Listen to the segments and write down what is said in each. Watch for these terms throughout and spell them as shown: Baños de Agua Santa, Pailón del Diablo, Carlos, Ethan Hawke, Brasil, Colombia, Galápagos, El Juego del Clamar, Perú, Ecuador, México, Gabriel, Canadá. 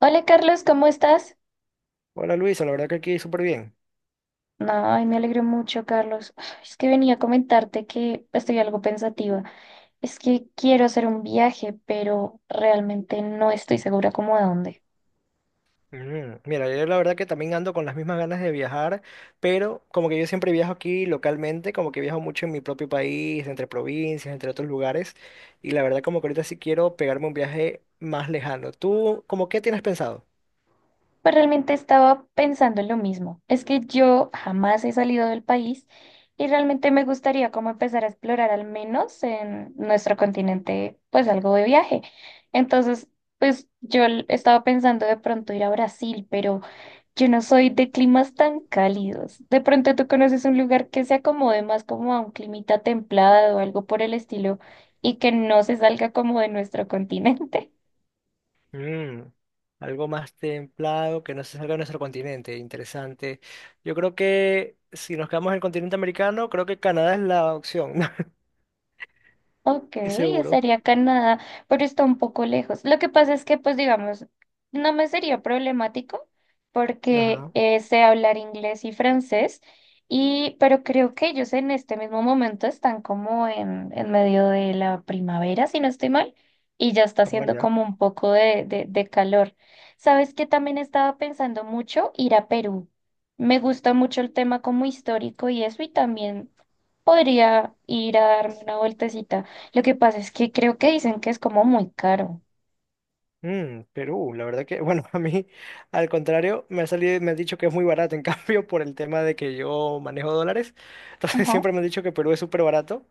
Hola Carlos, ¿cómo estás? Hola Luisa, la verdad que aquí súper bien. No, ay, me alegro mucho, Carlos. Ay, es que venía a comentarte que estoy algo pensativa. Es que quiero hacer un viaje, pero realmente no estoy segura como a dónde. Mira, yo la verdad que también ando con las mismas ganas de viajar, pero como que yo siempre viajo aquí localmente, como que viajo mucho en mi propio país, entre provincias, entre otros lugares, y la verdad como que ahorita sí quiero pegarme un viaje más lejano. ¿Tú, como qué tienes pensado? Pues realmente estaba pensando en lo mismo. Es que yo jamás he salido del país y realmente me gustaría como empezar a explorar al menos en nuestro continente, pues algo de viaje. Entonces, pues estaba pensando de pronto ir a Brasil, pero yo no soy de climas tan cálidos. De pronto tú conoces un lugar que se acomode más como a un climita templado o algo por el estilo y que no se salga como de nuestro continente. Mm, Algo más templado, que no se salga de nuestro continente, interesante. Yo creo que si nos quedamos en el continente americano, creo que Canadá es la opción, no Ok, estoy seguro. sería Canadá, pero está un poco lejos. Lo que pasa es que, pues digamos, no me sería problemático porque Ajá. Sé hablar inglés y francés, y, pero creo que ellos en este mismo momento están como en medio de la primavera, si no estoy mal, y ya está Ah, haciendo ya. como un poco de calor. ¿Sabes? Que También estaba pensando mucho ir a Perú. Me gusta mucho el tema como histórico y eso, y también podría ir a darme una vueltecita. Lo que pasa es que creo que dicen que es como muy caro. Perú, la verdad que, bueno, a mí, al contrario, me ha salido, me han dicho que es muy barato, en cambio, por el tema de que yo manejo dólares, entonces Ajá. siempre me han dicho que Perú es súper barato,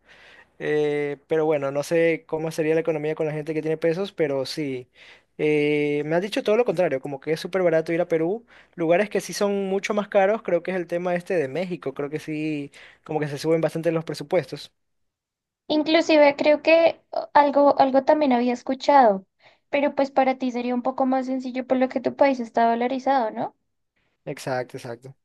pero bueno, no sé cómo sería la economía con la gente que tiene pesos, pero sí, me han dicho todo lo contrario, como que es súper barato ir a Perú, lugares que sí son mucho más caros, creo que es el tema este de México, creo que sí, como que se suben bastante los presupuestos. Inclusive creo que algo también había escuchado, pero pues para ti sería un poco más sencillo por lo que tu país está dolarizado, ¿no? Exacto, exacto.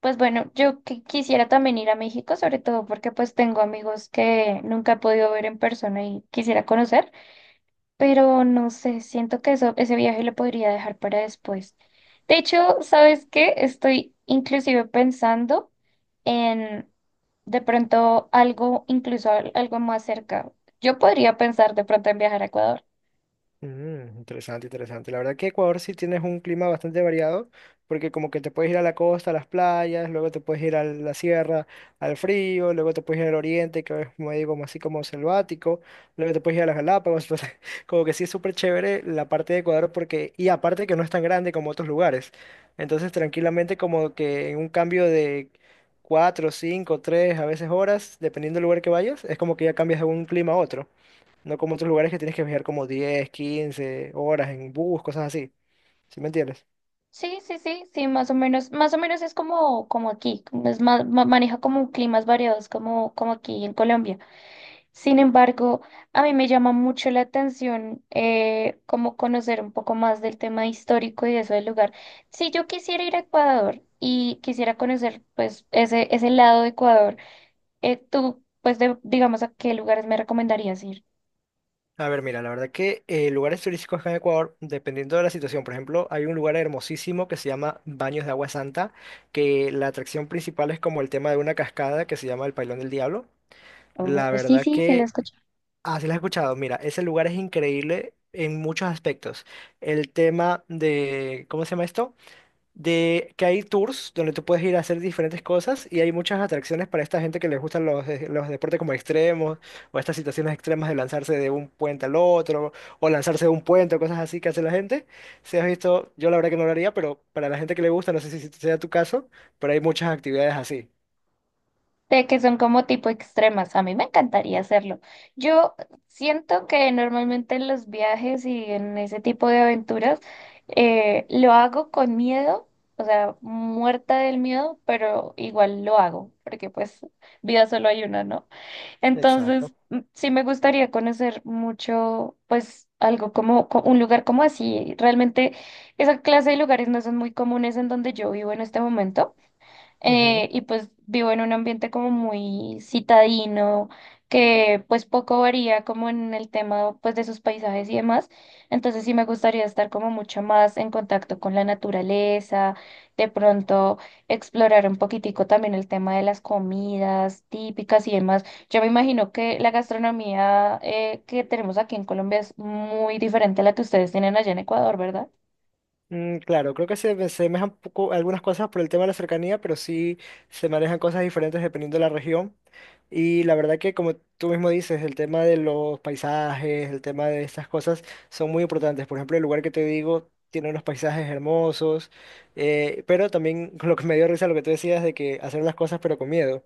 Pues bueno, quisiera también ir a México, sobre todo porque pues tengo amigos que nunca he podido ver en persona y quisiera conocer. Pero no sé, siento que ese viaje lo podría dejar para después. De hecho, ¿sabes qué? Estoy inclusive pensando en de pronto algo, incluso algo más cerca. Yo podría pensar de pronto en viajar a Ecuador. Interesante, interesante. La verdad que Ecuador sí tienes un clima bastante variado, porque como que te puedes ir a la costa, a las playas, luego te puedes ir a la sierra, al frío, luego te puedes ir al oriente, que es como digo, como así como selvático, luego te puedes ir a las Galápagos, entonces como que sí es súper chévere la parte de Ecuador porque, y aparte que no es tan grande como otros lugares. Entonces tranquilamente como que en un cambio de cuatro, cinco, tres, a veces horas, dependiendo del lugar que vayas, es como que ya cambias de un clima a otro. No como otros lugares que tienes que viajar como 10 15 horas en bus, cosas así. ¿Sí me entiendes? Sí, sí, sí, sí, más o menos es como, como aquí, como es más, maneja como climas variados como, como aquí en Colombia. Sin embargo, a mí me llama mucho la atención como conocer un poco más del tema histórico y de eso del lugar. Si yo quisiera ir a Ecuador y quisiera conocer pues ese lado de Ecuador, tú pues digamos a qué lugares me recomendarías ir. A ver, mira, la verdad que lugares turísticos acá en Ecuador, dependiendo de la situación, por ejemplo, hay un lugar hermosísimo que se llama Baños de Agua Santa, que la atracción principal es como el tema de una cascada que se llama el Pailón del Diablo. Oh, La sí, verdad sí, se lo que, escucho. así lo has escuchado, mira, ese lugar es increíble en muchos aspectos. El tema de, ¿cómo se llama esto? De que hay tours donde tú puedes ir a hacer diferentes cosas y hay muchas atracciones para esta gente que les gustan los, los deportes como extremos o estas situaciones extremas de lanzarse de un puente al otro o lanzarse de un puente o cosas así que hace la gente. Si has visto, yo la verdad que no lo haría, pero para la gente que le gusta, no sé si sea tu caso, pero hay muchas actividades así. De que son como tipo extremas. A mí me encantaría hacerlo. Yo siento que normalmente en los viajes y en ese tipo de aventuras lo hago con miedo, o sea, muerta del miedo, pero igual lo hago, porque pues vida solo hay una, ¿no? Entonces, Exacto. mm, sí me gustaría conocer mucho, pues algo como un lugar como así. Realmente esa clase de lugares no son muy comunes en donde yo vivo en este momento, y pues vivo en un ambiente como muy citadino, que pues poco varía como en el tema pues de sus paisajes y demás. Entonces sí me gustaría estar como mucho más en contacto con la naturaleza, de pronto explorar un poquitico también el tema de las comidas típicas y demás. Yo me imagino que la gastronomía que tenemos aquí en Colombia es muy diferente a la que ustedes tienen allá en Ecuador, ¿verdad? Claro, creo que se me un poco algunas cosas por el tema de la cercanía, pero sí se manejan cosas diferentes dependiendo de la región. Y la verdad que como tú mismo dices, el tema de los paisajes, el tema de estas cosas son muy importantes. Por ejemplo, el lugar que te digo tiene unos paisajes hermosos, pero también lo que me dio risa lo que tú decías de que hacer las cosas pero con miedo.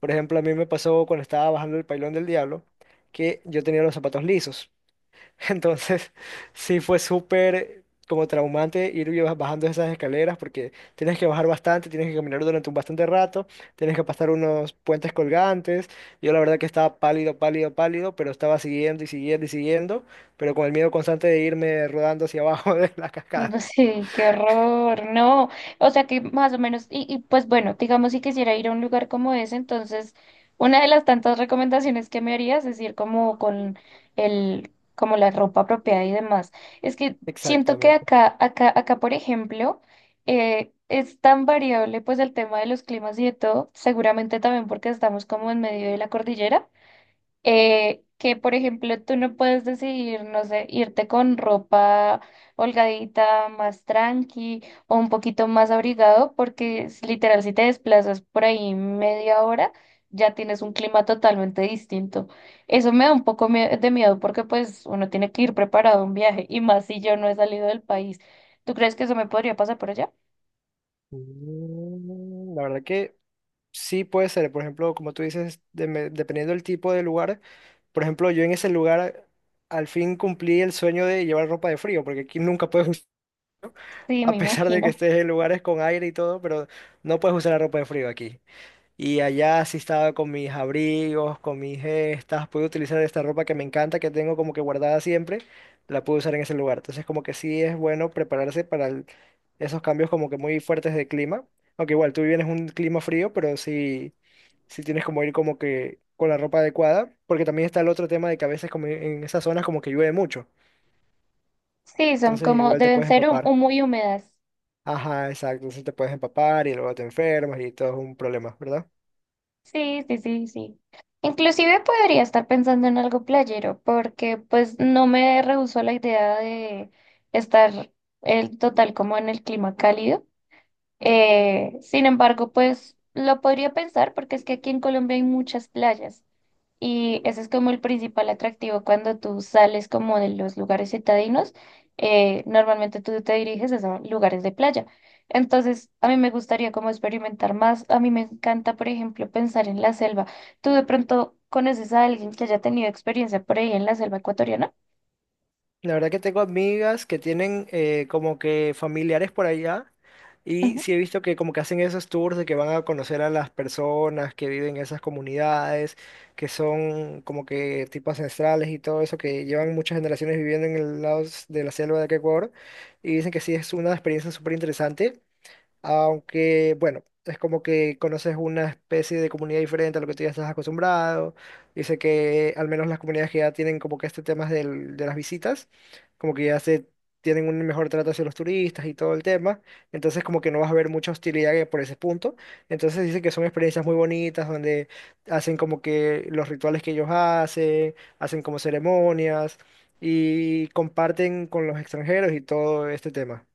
Por ejemplo, a mí me pasó cuando estaba bajando el Pailón del Diablo que yo tenía los zapatos lisos. Entonces, sí fue súper como traumante ir y bajando esas escaleras porque tienes que bajar bastante, tienes que caminar durante un bastante rato, tienes que pasar unos puentes colgantes. Yo la verdad que estaba pálido, pálido, pálido, pero estaba siguiendo y siguiendo y siguiendo, pero con el miedo constante de irme rodando hacia abajo de la cascada. No sé, qué horror, no. O sea que más o menos, y pues bueno, digamos si quisiera ir a un lugar como ese, entonces una de las tantas recomendaciones que me harías es ir como con el, como la ropa apropiada y demás. Es que siento que Exactamente. Acá, por ejemplo, es tan variable pues el tema de los climas y de todo, seguramente también porque estamos como en medio de la cordillera que, por ejemplo, tú no puedes decidir, no sé, irte con ropa holgadita, más tranqui o un poquito más abrigado, porque es literal, si te desplazas por ahí media hora, ya tienes un clima totalmente distinto. Eso me da un poco de miedo porque pues uno tiene que ir preparado a un viaje y más si yo no he salido del país. ¿Tú crees que eso me podría pasar por allá? La verdad que sí, puede ser. Por ejemplo, como tú dices, dependiendo del tipo de lugar. Por ejemplo, yo en ese lugar al fin cumplí el sueño de llevar ropa de frío, porque aquí nunca puedes, Sí, a me pesar de que imagino. estés en lugares con aire y todo, pero no puedes usar la ropa de frío aquí. Y allá sí estaba con mis abrigos, con mis gestas, pude utilizar esta ropa que me encanta, que tengo como que guardada siempre, la pude usar en ese lugar. Entonces como que sí es bueno prepararse para esos cambios como que muy fuertes de clima. Aunque igual tú vienes un clima frío, pero sí, sí tienes como ir como que con la ropa adecuada, porque también está el otro tema de que a veces como en esas zonas como que llueve mucho. Sí, son Entonces como, igual te deben puedes ser empapar. muy húmedas. Ajá, exacto, entonces te puedes empapar y luego te enfermas y todo es un problema, ¿verdad? Sí, sí, sí, sí. Inclusive podría estar pensando en algo playero, porque pues no me rehusó la idea de estar el total como en el clima cálido. Sin embargo, pues lo podría pensar porque es que aquí en Colombia hay muchas playas. Y ese es como el principal atractivo cuando tú sales como de los lugares citadinos. Eh, normalmente tú te diriges es a lugares de playa. Entonces, a mí me gustaría como experimentar más. A mí me encanta, por ejemplo, pensar en la selva. ¿Tú de pronto conoces a alguien que haya tenido experiencia por ahí en la selva ecuatoriana? La verdad que tengo amigas que tienen como que familiares por allá y sí he visto que como que hacen esos tours de que van a conocer a las personas que viven en esas comunidades, que son como que tipo ancestrales y todo eso, que llevan muchas generaciones viviendo en el lado de la selva de acá Ecuador y dicen que sí es una experiencia súper interesante. Aunque, bueno, es como que conoces una especie de comunidad diferente a lo que tú ya estás acostumbrado. Dice que al menos las comunidades que ya tienen como que este tema de las visitas, como que ya se tienen un mejor trato hacia los turistas y todo el tema. Entonces como que no vas a ver mucha hostilidad por ese punto. Entonces dice que son experiencias muy bonitas donde hacen como que los rituales que ellos hacen, hacen como ceremonias y comparten con los extranjeros y todo este tema.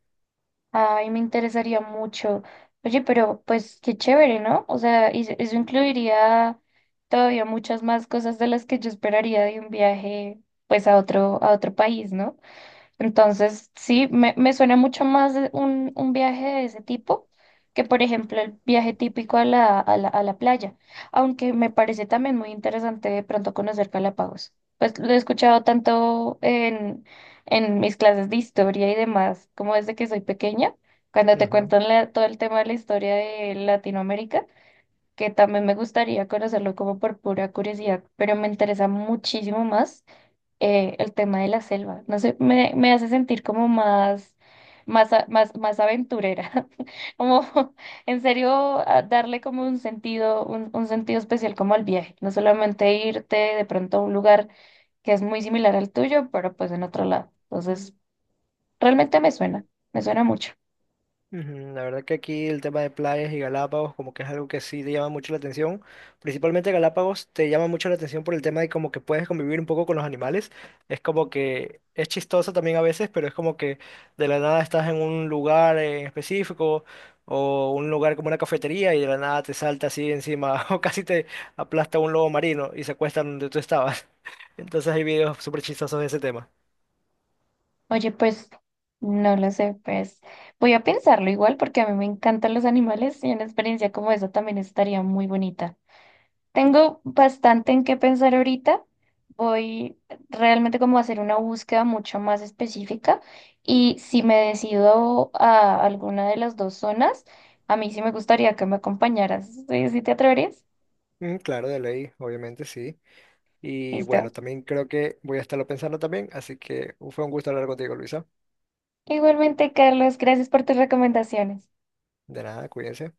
Ay, me interesaría mucho. Oye, pero pues qué chévere, ¿no? O sea, y eso incluiría todavía muchas más cosas de las que yo esperaría de un viaje, pues a otro país, ¿no? Entonces, sí, me suena mucho más de un viaje de ese tipo que, por ejemplo, el viaje típico a la playa, aunque me parece también muy interesante de pronto conocer Galápagos. Pues lo he escuchado tanto en mis clases de historia y demás, como desde que soy pequeña, cuando te cuentan todo el tema de la historia de Latinoamérica, que también me gustaría conocerlo como por pura curiosidad, pero me interesa muchísimo más el tema de la selva. No sé, me hace sentir como más, más, más, más aventurera. Como en serio a darle como un sentido, un sentido especial como al viaje. No solamente irte de pronto a un lugar que es muy similar al tuyo, pero pues en otro lado. Entonces, realmente me suena mucho. Ujú, la verdad que aquí el tema de playas y Galápagos como que es algo que sí te llama mucho la atención. Principalmente Galápagos te llama mucho la atención por el tema de como que puedes convivir un poco con los animales. Es como que es chistoso también a veces, pero es como que de la nada estás en un lugar en específico o un lugar como una cafetería y de la nada te salta así encima o casi te aplasta un lobo marino y se acuesta donde tú estabas. Entonces hay videos súper chistosos de ese tema. Oye, pues, no lo sé, pues voy a pensarlo igual porque a mí me encantan los animales y una experiencia como esa también estaría muy bonita. Tengo bastante en qué pensar ahorita. Voy realmente como a hacer una búsqueda mucho más específica y si me decido a alguna de las dos zonas, a mí sí me gustaría que me acompañaras. ¿Sí, sí te atreverías? Mm, claro, de ley, obviamente sí. Y bueno, Listo. también creo que voy a estarlo pensando también, así que fue un gusto hablar contigo, Luisa. Igualmente, Carlos, gracias por tus recomendaciones. De nada, cuídense.